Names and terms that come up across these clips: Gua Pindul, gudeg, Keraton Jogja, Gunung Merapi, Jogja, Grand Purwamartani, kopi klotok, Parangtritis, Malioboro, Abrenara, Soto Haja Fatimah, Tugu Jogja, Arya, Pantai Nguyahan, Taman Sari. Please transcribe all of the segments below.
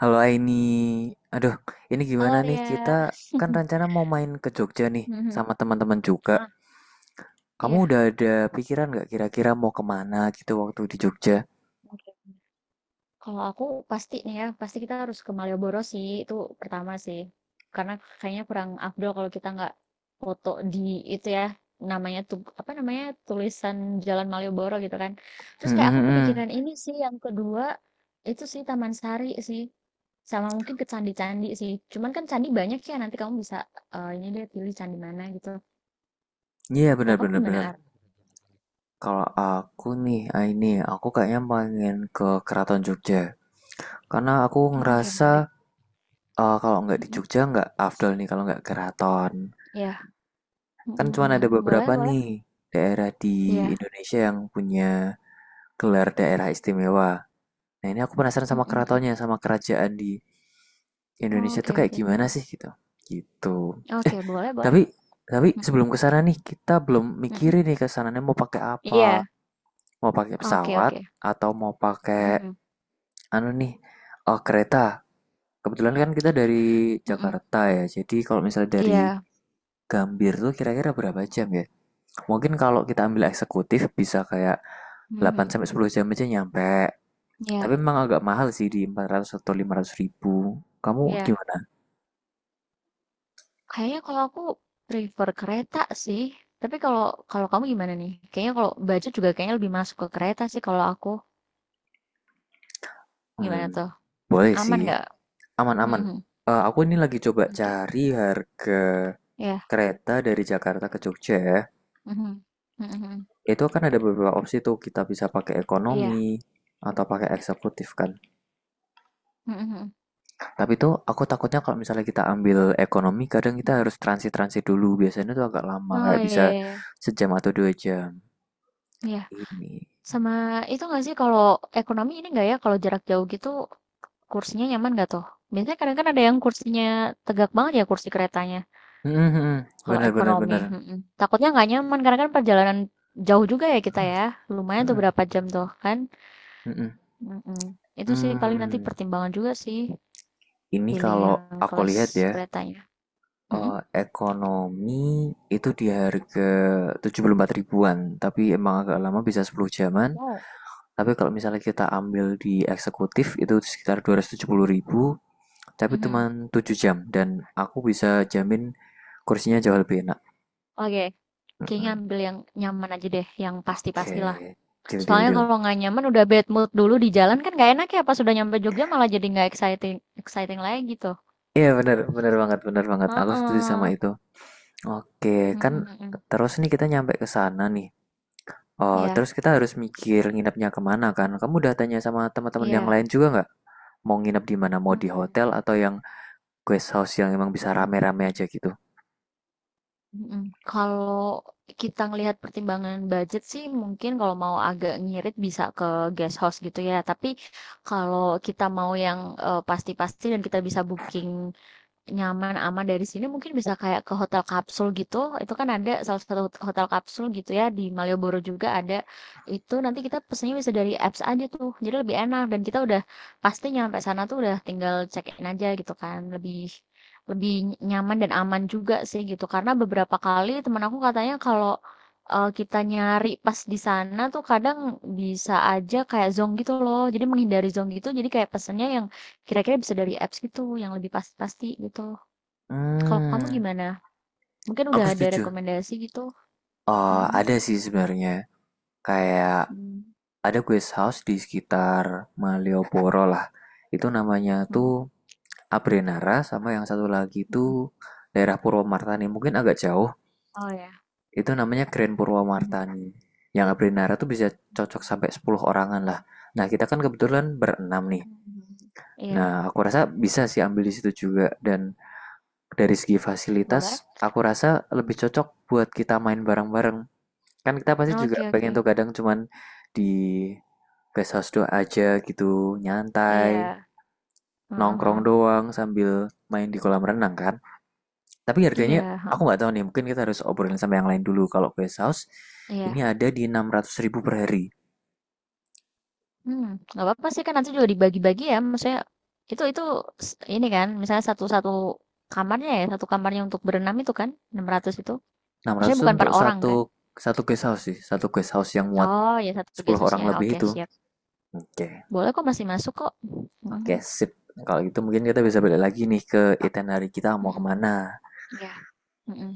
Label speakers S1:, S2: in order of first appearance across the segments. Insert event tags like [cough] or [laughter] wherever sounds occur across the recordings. S1: Halo Aini, aduh ini
S2: Halo
S1: gimana nih
S2: Arya.
S1: kita kan
S2: [laughs]
S1: rencana mau main ke Jogja nih
S2: Mhm,
S1: sama teman-teman juga.
S2: heeh.
S1: Kamu
S2: Iya,
S1: udah ada pikiran nggak kira-kira mau kemana gitu waktu di Jogja?
S2: oke. Kalau aku pasti nih ya, pasti kita harus ke Malioboro sih, itu pertama sih. Karena kayaknya kurang afdol kalau kita nggak foto di itu ya, namanya tuh apa namanya tulisan Jalan Malioboro gitu kan.
S1: Hmm,
S2: Terus kayak
S1: hmm,
S2: aku
S1: hmm.
S2: kepikiran
S1: hmm.
S2: ini sih yang kedua itu sih Taman Sari sih, sama mungkin ke candi-candi sih. Cuman kan candi banyak ya, nanti kamu bisa eh, ini deh pilih candi mana gitu.
S1: Iya
S2: Kalau
S1: benar
S2: kamu
S1: benar
S2: gimana,
S1: benar.
S2: Ar?
S1: Kalau aku nih Aini, aku kayaknya pengen ke Keraton Jogja karena aku
S2: Oke,
S1: ngerasa
S2: menarik.
S1: kalau nggak di
S2: Mhm.
S1: Jogja nggak afdol nih kalau nggak keraton.
S2: Ya,
S1: Kan
S2: mhm
S1: cuma
S2: mhm.
S1: ada
S2: Boleh
S1: beberapa
S2: boleh.
S1: nih daerah di
S2: Iya.
S1: Indonesia yang punya gelar daerah istimewa. Nah, ini aku penasaran
S2: Mhm
S1: sama
S2: mhm.
S1: keratonnya, sama kerajaan di Indonesia tuh
S2: Oke
S1: kayak
S2: oke.
S1: gimana sih gitu. Gitu. Eh,
S2: Oke, boleh boleh.
S1: tapi
S2: Mhm
S1: sebelum ke sana nih, kita belum
S2: mhm.
S1: mikirin nih kesananya mau pakai apa.
S2: Iya.
S1: Mau pakai
S2: Oke
S1: pesawat
S2: oke.
S1: atau mau pakai
S2: Mhm
S1: anu nih, Oh kereta. Kebetulan kan kita dari
S2: mhm.
S1: Jakarta ya. Jadi kalau misalnya dari
S2: Iya.
S1: Gambir tuh kira-kira berapa jam ya? Mungkin kalau kita ambil eksekutif bisa kayak 8
S2: Mhm.
S1: sampai 10 jam aja nyampe. Tapi
S2: Iya
S1: memang agak mahal sih di 400 atau 500 ribu. Kamu
S2: iya.
S1: gimana?
S2: Kayaknya kalau aku prefer kereta sih, tapi kalau kalau kamu gimana nih? Kayaknya kalau baju juga kayaknya lebih masuk ke kereta sih kalau aku.
S1: Hmm,
S2: Gimana tuh?
S1: boleh
S2: Aman
S1: sih.
S2: nggak?
S1: Aman-aman.
S2: Mhm.
S1: Aku ini lagi coba
S2: Oke.
S1: cari harga
S2: Iya.
S1: kereta dari Jakarta ke Jogja ya.
S2: Mhm. Mhm mhm.
S1: Itu kan ada beberapa opsi tuh. Kita bisa pakai
S2: Iya.
S1: ekonomi atau pakai eksekutif kan.
S2: Mhm mhm.
S1: Tapi tuh aku takutnya kalau misalnya kita ambil ekonomi, kadang kita
S2: Mhm.
S1: harus transit-transit dulu. Biasanya tuh agak lama,
S2: Oh,
S1: kayak bisa
S2: iya iya.
S1: sejam atau dua jam.
S2: Iya.
S1: Ini.
S2: Sama itu nggak sih kalau ekonomi ini nggak ya kalau jarak jauh gitu kursinya nyaman nggak tuh? Biasanya kadang kan ada yang kursinya tegak banget ya kursi keretanya. Kalau
S1: Bener bener
S2: ekonomi,
S1: bener.
S2: mm-mm. Takutnya nggak nyaman karena kan perjalanan jauh juga ya kita ya. Lumayan tuh
S1: Mm-mm,
S2: berapa jam tuh kan?
S1: mm
S2: Mm-mm. Itu sih
S1: Hmm, Hmm.
S2: paling nanti
S1: hmm. Hmm.
S2: pertimbangan juga sih
S1: Ini
S2: pilih
S1: kalau
S2: yang
S1: aku
S2: kelas
S1: lihat ya,
S2: keretanya. Mm-mm.
S1: eh, ekonomi itu di harga 74 ribuan, tapi emang agak lama bisa 10 jaman.
S2: Wow.
S1: Tapi kalau misalnya kita ambil di eksekutif itu sekitar 270 ribu, tapi cuma
S2: Mhm.
S1: 7 jam dan aku bisa jamin kursinya jauh lebih enak.
S2: Oke, kayaknya
S1: Mm-mm.
S2: ambil yang nyaman aja deh, yang
S1: Oke,
S2: pasti-pastilah.
S1: deal deal
S2: Soalnya
S1: deal.
S2: kalau nggak nyaman udah bad mood dulu di jalan kan nggak enak ya pas udah nyampe Jogja malah jadi nggak exciting exciting lagi gitu.
S1: Iya bener, bener banget, bener banget. Aku setuju sama
S2: Heeh.
S1: itu. Oke,
S2: Mm,
S1: kan
S2: mm, mm, mm.
S1: terus nih kita nyampe ke sana nih. Oh,
S2: Iya,
S1: terus kita harus mikir nginepnya kemana kan? Kamu udah tanya sama teman-teman yang
S2: iya.
S1: lain juga nggak? Mau nginep di mana? Mau di
S2: Hmm.
S1: hotel atau yang guest house yang emang bisa
S2: Mhm.
S1: rame-rame aja gitu?
S2: Mm. Kalau kita ngelihat pertimbangan budget sih mungkin kalau mau agak ngirit bisa ke guest house gitu ya. Tapi kalau kita mau yang eh, pasti-pasti dan kita bisa booking nyaman, aman, dari sini mungkin bisa kayak ke hotel kapsul gitu, itu kan ada salah satu hotel kapsul gitu ya, di Malioboro juga ada. Itu nanti kita pesennya bisa dari apps aja tuh, jadi lebih enak dan kita udah pasti nyampe sana tuh udah tinggal check in aja gitu kan, lebih lebih nyaman dan aman juga sih gitu. Karena beberapa kali teman aku katanya kalau eh, kita nyari pas di sana tuh kadang bisa aja kayak zonk gitu loh. Jadi menghindari zonk gitu, jadi kayak pesennya yang kira-kira bisa dari apps gitu yang lebih pasti-pasti gitu. Kalau kamu
S1: Hmm,
S2: gimana? Mungkin
S1: aku
S2: udah ada
S1: setuju.
S2: rekomendasi gitu?
S1: Oh,
S2: Mhm,
S1: ada sih sebenarnya. Kayak
S2: mmm,
S1: ada guest house di sekitar Malioboro lah. Itu namanya tuh
S2: mhm,
S1: Abrenara sama yang satu lagi tuh
S2: mhm.
S1: daerah Purwomartani. Mungkin agak jauh.
S2: Oh ya,
S1: Itu namanya Grand
S2: mhm,
S1: Purwamartani. Yang Abrinara tuh bisa cocok
S2: mmm,
S1: sampai 10 orangan lah. Nah, kita kan kebetulan berenam nih.
S2: mhm. Iya,
S1: Nah, aku rasa bisa sih ambil di situ juga. Dan dari segi
S2: boleh?
S1: fasilitas, aku rasa lebih cocok buat kita main bareng-bareng. Kan kita pasti juga
S2: Oke oke,
S1: pengen tuh kadang cuman di guest house doang aja gitu, nyantai,
S2: iya, heeh
S1: nongkrong
S2: heeh,
S1: doang sambil main di kolam renang kan. Tapi harganya
S2: iya,
S1: aku
S2: heeh,
S1: nggak tahu nih, mungkin kita harus obrolin sama yang lain dulu. Kalau guest house ini
S2: iya,
S1: ada di enam ratus ribu per hari.
S2: hmm, nggak apa-apa sih kan nanti juga dibagi-bagi ya, maksudnya itu s ini kan misalnya satu satu kamarnya ya, satu kamarnya untuk berenam itu kan, 600 itu?
S1: Enam
S2: Maksudnya
S1: ratus
S2: bukan per
S1: untuk
S2: orang kan?
S1: satu satu guest house sih, satu guest house yang muat
S2: Oh ya, satu
S1: 10
S2: guest,
S1: orang lebih
S2: oke
S1: itu.
S2: siap.
S1: Oke, okay.
S2: Boleh kok, masih masuk kok.
S1: Oke,
S2: Mhm,
S1: okay, sip. Kalau gitu mungkin kita bisa balik lagi nih ke itinerary kita mau
S2: mhm,
S1: kemana.
S2: iya, mhm.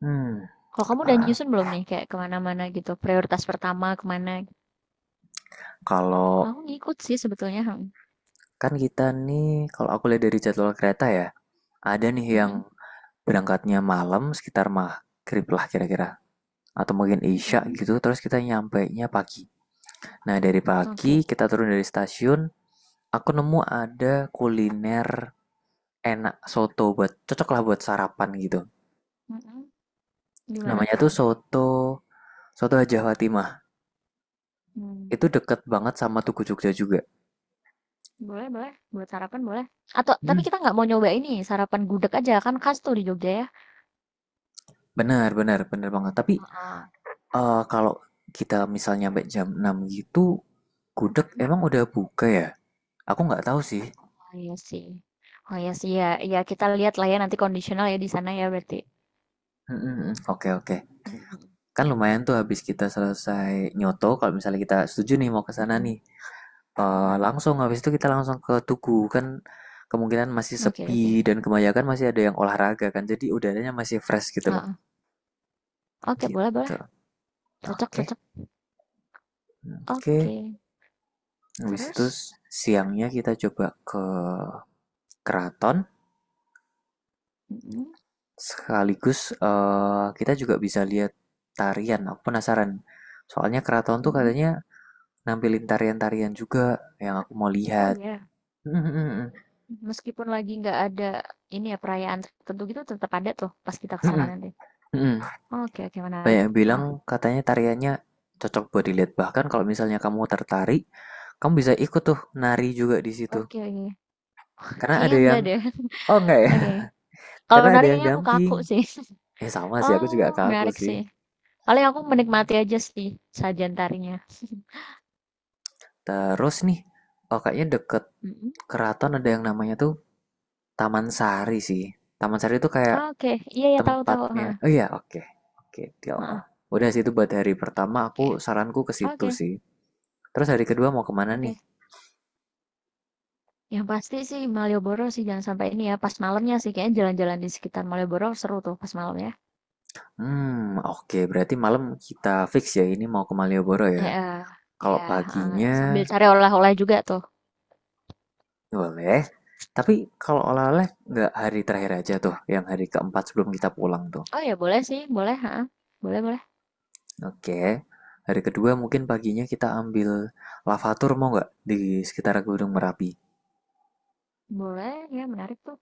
S1: Hmm,
S2: Kalau kamu udah
S1: ah,
S2: nyusun belum nih kayak ke mana-mana gitu, prioritas pertama ke mana? Kalau
S1: kalau
S2: aku ngikut sih sebetulnya, mhm,
S1: kan kita nih, kalau aku lihat dari jadwal kereta ya, ada nih yang
S2: mhm,
S1: berangkatnya malam sekitar maghrib lah kira-kira. Atau mungkin isya
S2: mhm,
S1: gitu, terus kita nyampainya pagi. Nah, dari pagi
S2: oke,
S1: kita turun dari stasiun, aku nemu ada kuliner enak soto buat cocok lah buat sarapan gitu.
S2: mhm, gimana
S1: Namanya
S2: tuh?
S1: tuh soto soto Haja Fatimah.
S2: Mmm,
S1: Itu deket banget sama Tugu Jogja juga.
S2: boleh boleh, buat sarapan boleh. Atau tapi
S1: Hmm.
S2: kita nggak mau nyoba ini, sarapan gudeg aja, kan khas tuh di Jogja ya.
S1: Benar, benar, benar banget. Tapi
S2: Heeh,
S1: kalau kita misalnya sampai jam 6 gitu, gudeg
S2: kan?
S1: emang udah buka ya? Aku nggak tahu sih.
S2: Oh iya sih. Oh iya sih, ya ya kita lihat lah ya nanti kondisional ya di sana ya berarti.
S1: Mm. Oke, oke.
S2: Mhm mhm,
S1: Kan lumayan tuh habis kita selesai nyoto kalau misalnya kita setuju nih mau ke sana
S2: mhm
S1: nih.
S2: mhm,
S1: Langsung habis itu kita langsung ke tugu kan, kemungkinan masih
S2: oke
S1: sepi
S2: oke,
S1: dan kebanyakan masih ada yang olahraga kan, jadi udaranya masih fresh gitu loh.
S2: heeh, oke boleh
S1: Gitu,
S2: boleh. Cocok
S1: oke
S2: cocok.
S1: oke.
S2: Oke,
S1: Habis itu
S2: terus?
S1: siangnya kita coba ke keraton
S2: Mhm
S1: sekaligus kita juga bisa lihat tarian. Aku penasaran soalnya keraton tuh
S2: mhm.
S1: katanya nampilin tarian-tarian juga yang aku mau
S2: Oh
S1: lihat.
S2: ya,
S1: Mm, mm, mm,
S2: meskipun lagi nggak ada ini ya, perayaan tertentu gitu tetap ada tuh pas kita
S1: mm,
S2: kesana
S1: mm,
S2: nanti?
S1: mm, mm.
S2: Oke oke
S1: Banyak
S2: menarik.
S1: yang bilang
S2: Ah.
S1: katanya tariannya cocok buat dilihat. Bahkan kalau misalnya kamu tertarik, kamu bisa ikut tuh nari juga di situ.
S2: Oke oke.
S1: Karena ada
S2: Kayaknya
S1: yang,
S2: enggak deh. [laughs]
S1: oh enggak ya,
S2: Oke.
S1: [laughs]
S2: Kalau
S1: karena ada
S2: nari
S1: yang
S2: kayaknya aku
S1: damping.
S2: kaku sih. [laughs]
S1: Eh sama sih, aku juga
S2: Oh,
S1: kaku
S2: menarik
S1: sih.
S2: sih. Paling aku menikmati aja sih sajian tarinya.
S1: Terus nih, oh kayaknya deket
S2: Mhm.
S1: keraton ada yang namanya tuh Taman Sari sih. Taman Sari itu kayak
S2: Oke, iya ya tahu tahu, ha.
S1: tempatnya, oh iya oke, oke, ya
S2: Heeh,
S1: Allah. Udah sih itu buat hari pertama aku
S2: oke.
S1: saranku ke situ
S2: Oke
S1: sih. Terus hari kedua mau kemana nih?
S2: oke. Yang pasti sih Malioboro sih jangan sampai ini ya, pas malamnya sih kayaknya jalan-jalan di sekitar Malioboro seru tuh pas malam ya.
S1: Hmm, oke. Berarti malam kita fix ya ini mau ke Malioboro ya.
S2: Eh eh, ya
S1: Kalau
S2: heeh. Sambil
S1: paginya
S2: cari oleh-oleh juga tuh.
S1: boleh. Tapi kalau oleh-oleh nggak hari terakhir aja tuh, yang hari keempat sebelum kita pulang tuh.
S2: Oh ya boleh sih, boleh, heeh. Boleh, boleh.
S1: Oke. Hari kedua mungkin paginya kita ambil lavatur mau nggak di sekitar Gunung Merapi.
S2: Boleh, ya menarik tuh.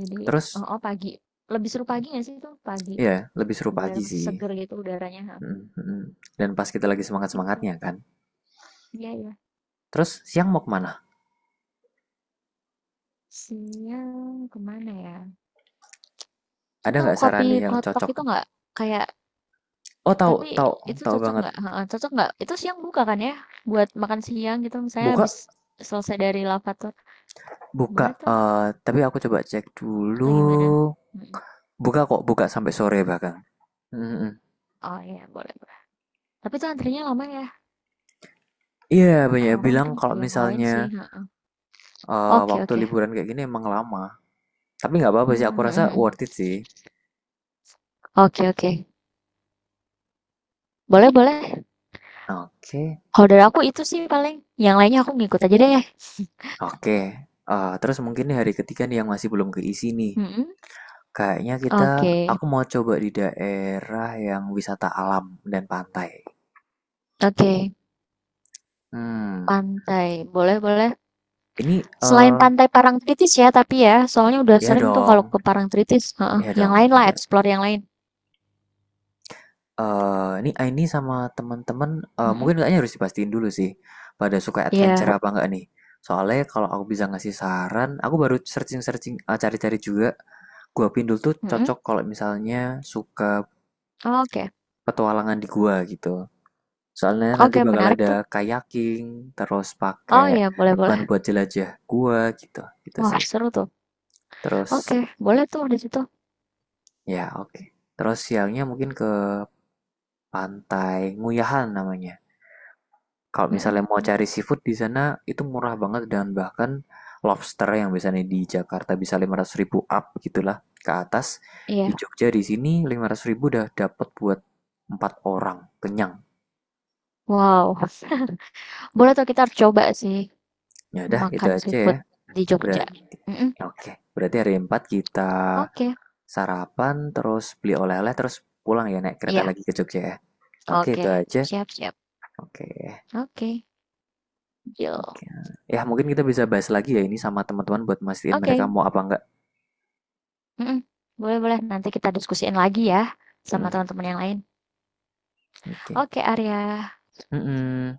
S2: Jadi,
S1: Terus
S2: oh, oh, pagi. Lebih seru pagi nggak sih tuh? Pagi.
S1: ya lebih seru
S2: Biar
S1: pagi
S2: masih
S1: sih.
S2: seger gitu udaranya, heeh.
S1: Mm, mm. Dan pas kita lagi
S2: Iya,
S1: semangat-semangatnya kan.
S2: iya, iya.
S1: Terus siang mau kemana?
S2: Siang kemana ya?
S1: Ada
S2: Kamu tahu
S1: nggak saran
S2: kopi
S1: nih yang
S2: klotok
S1: cocok?
S2: itu nggak? Kayak,
S1: Oh tahu
S2: Tapi
S1: tahu
S2: itu
S1: tahu
S2: cocok
S1: banget.
S2: nggak? Heeh, cocok nggak? Itu siang buka kan ya? Buat makan siang gitu misalnya
S1: Buka
S2: habis selesai dari Lavator,
S1: Buka,
S2: boleh tuh
S1: eh tapi aku coba cek dulu.
S2: atau gimana? Mhm.
S1: Buka kok, buka sampai sore bahkan. Mm-mm.
S2: Oh iya boleh boleh. Tapi tuh antrinya lama ya?
S1: Iya, banyak
S2: Kalau
S1: yang
S2: nggak
S1: bilang
S2: mungkin ke
S1: kalau
S2: yang lain
S1: misalnya
S2: sih, heeh. Oke
S1: waktu
S2: oke.
S1: liburan kayak gini emang lama. Tapi nggak apa-apa sih, aku rasa
S2: Mmm,
S1: worth it
S2: [laughs]
S1: sih.
S2: oke oke. Boleh boleh.
S1: Oke,
S2: Kalau dari aku itu sih paling, yang lainnya aku ngikut aja deh.
S1: oke. Terus mungkin nih hari ketiga nih yang masih belum keisi nih.
S2: Mhm.
S1: Kayaknya kita,
S2: Oke
S1: aku mau coba di daerah yang wisata alam dan pantai.
S2: oke.
S1: Hmm,
S2: Pantai, boleh boleh.
S1: ini
S2: Selain
S1: eh
S2: pantai Parangtritis ya, tapi ya, soalnya udah
S1: ya
S2: sering tuh kalau
S1: dong,
S2: ke Parangtritis, heeh,
S1: ya
S2: yang
S1: dong.
S2: lain lah, explore yang lain.
S1: Ini Aini sama teman-teman
S2: Mhm,
S1: mungkin kayaknya harus dipastiin dulu sih, pada suka adventure
S2: iya,
S1: apa enggak nih. Soalnya kalau aku bisa ngasih saran, aku baru searching-searching, cari-cari juga, Gua Pindul tuh
S2: mhm,
S1: cocok kalau misalnya suka
S2: oke.
S1: petualangan di gua gitu. Soalnya nanti
S2: Oke,
S1: bakal
S2: menarik
S1: ada
S2: tuh.
S1: kayaking, terus
S2: Oh
S1: pakai
S2: iya, boleh boleh.
S1: ban buat jelajah gua gitu, gitu
S2: Wah,
S1: sih.
S2: seru tuh.
S1: Terus
S2: Oke, boleh tuh di situ.
S1: ya oke, terus siangnya mungkin ke pantai Nguyahan namanya. Kalau
S2: Mhm,
S1: misalnya mau cari seafood di sana itu murah banget dan bahkan lobster yang biasanya di Jakarta bisa 500 ribu up gitulah ke atas. Di
S2: iya.
S1: Jogja di sini 500 ribu udah dapat buat empat orang kenyang.
S2: Wow, [laughs] boleh tuh kita harus coba sih
S1: Ya udah itu
S2: makan
S1: aja ya.
S2: seafood di Jogja.
S1: Berarti
S2: Mhm,
S1: oke. Berarti hari 4 kita
S2: oke.
S1: sarapan terus beli oleh-oleh terus pulang ya naik kereta
S2: Iya,
S1: lagi ke Jogja ya. Oke
S2: oke.
S1: itu aja.
S2: Siap siap.
S1: Oke.
S2: Oke, deal.
S1: Oke. Ya mungkin kita bisa bahas lagi ya ini sama teman-teman buat mastiin mereka
S2: Oke,
S1: mau apa enggak.
S2: mhm, boleh boleh, nanti kita diskusiin lagi ya sama
S1: Mm,
S2: teman-teman yang lain.
S1: oke.
S2: Oke, Arya.
S1: Mhm,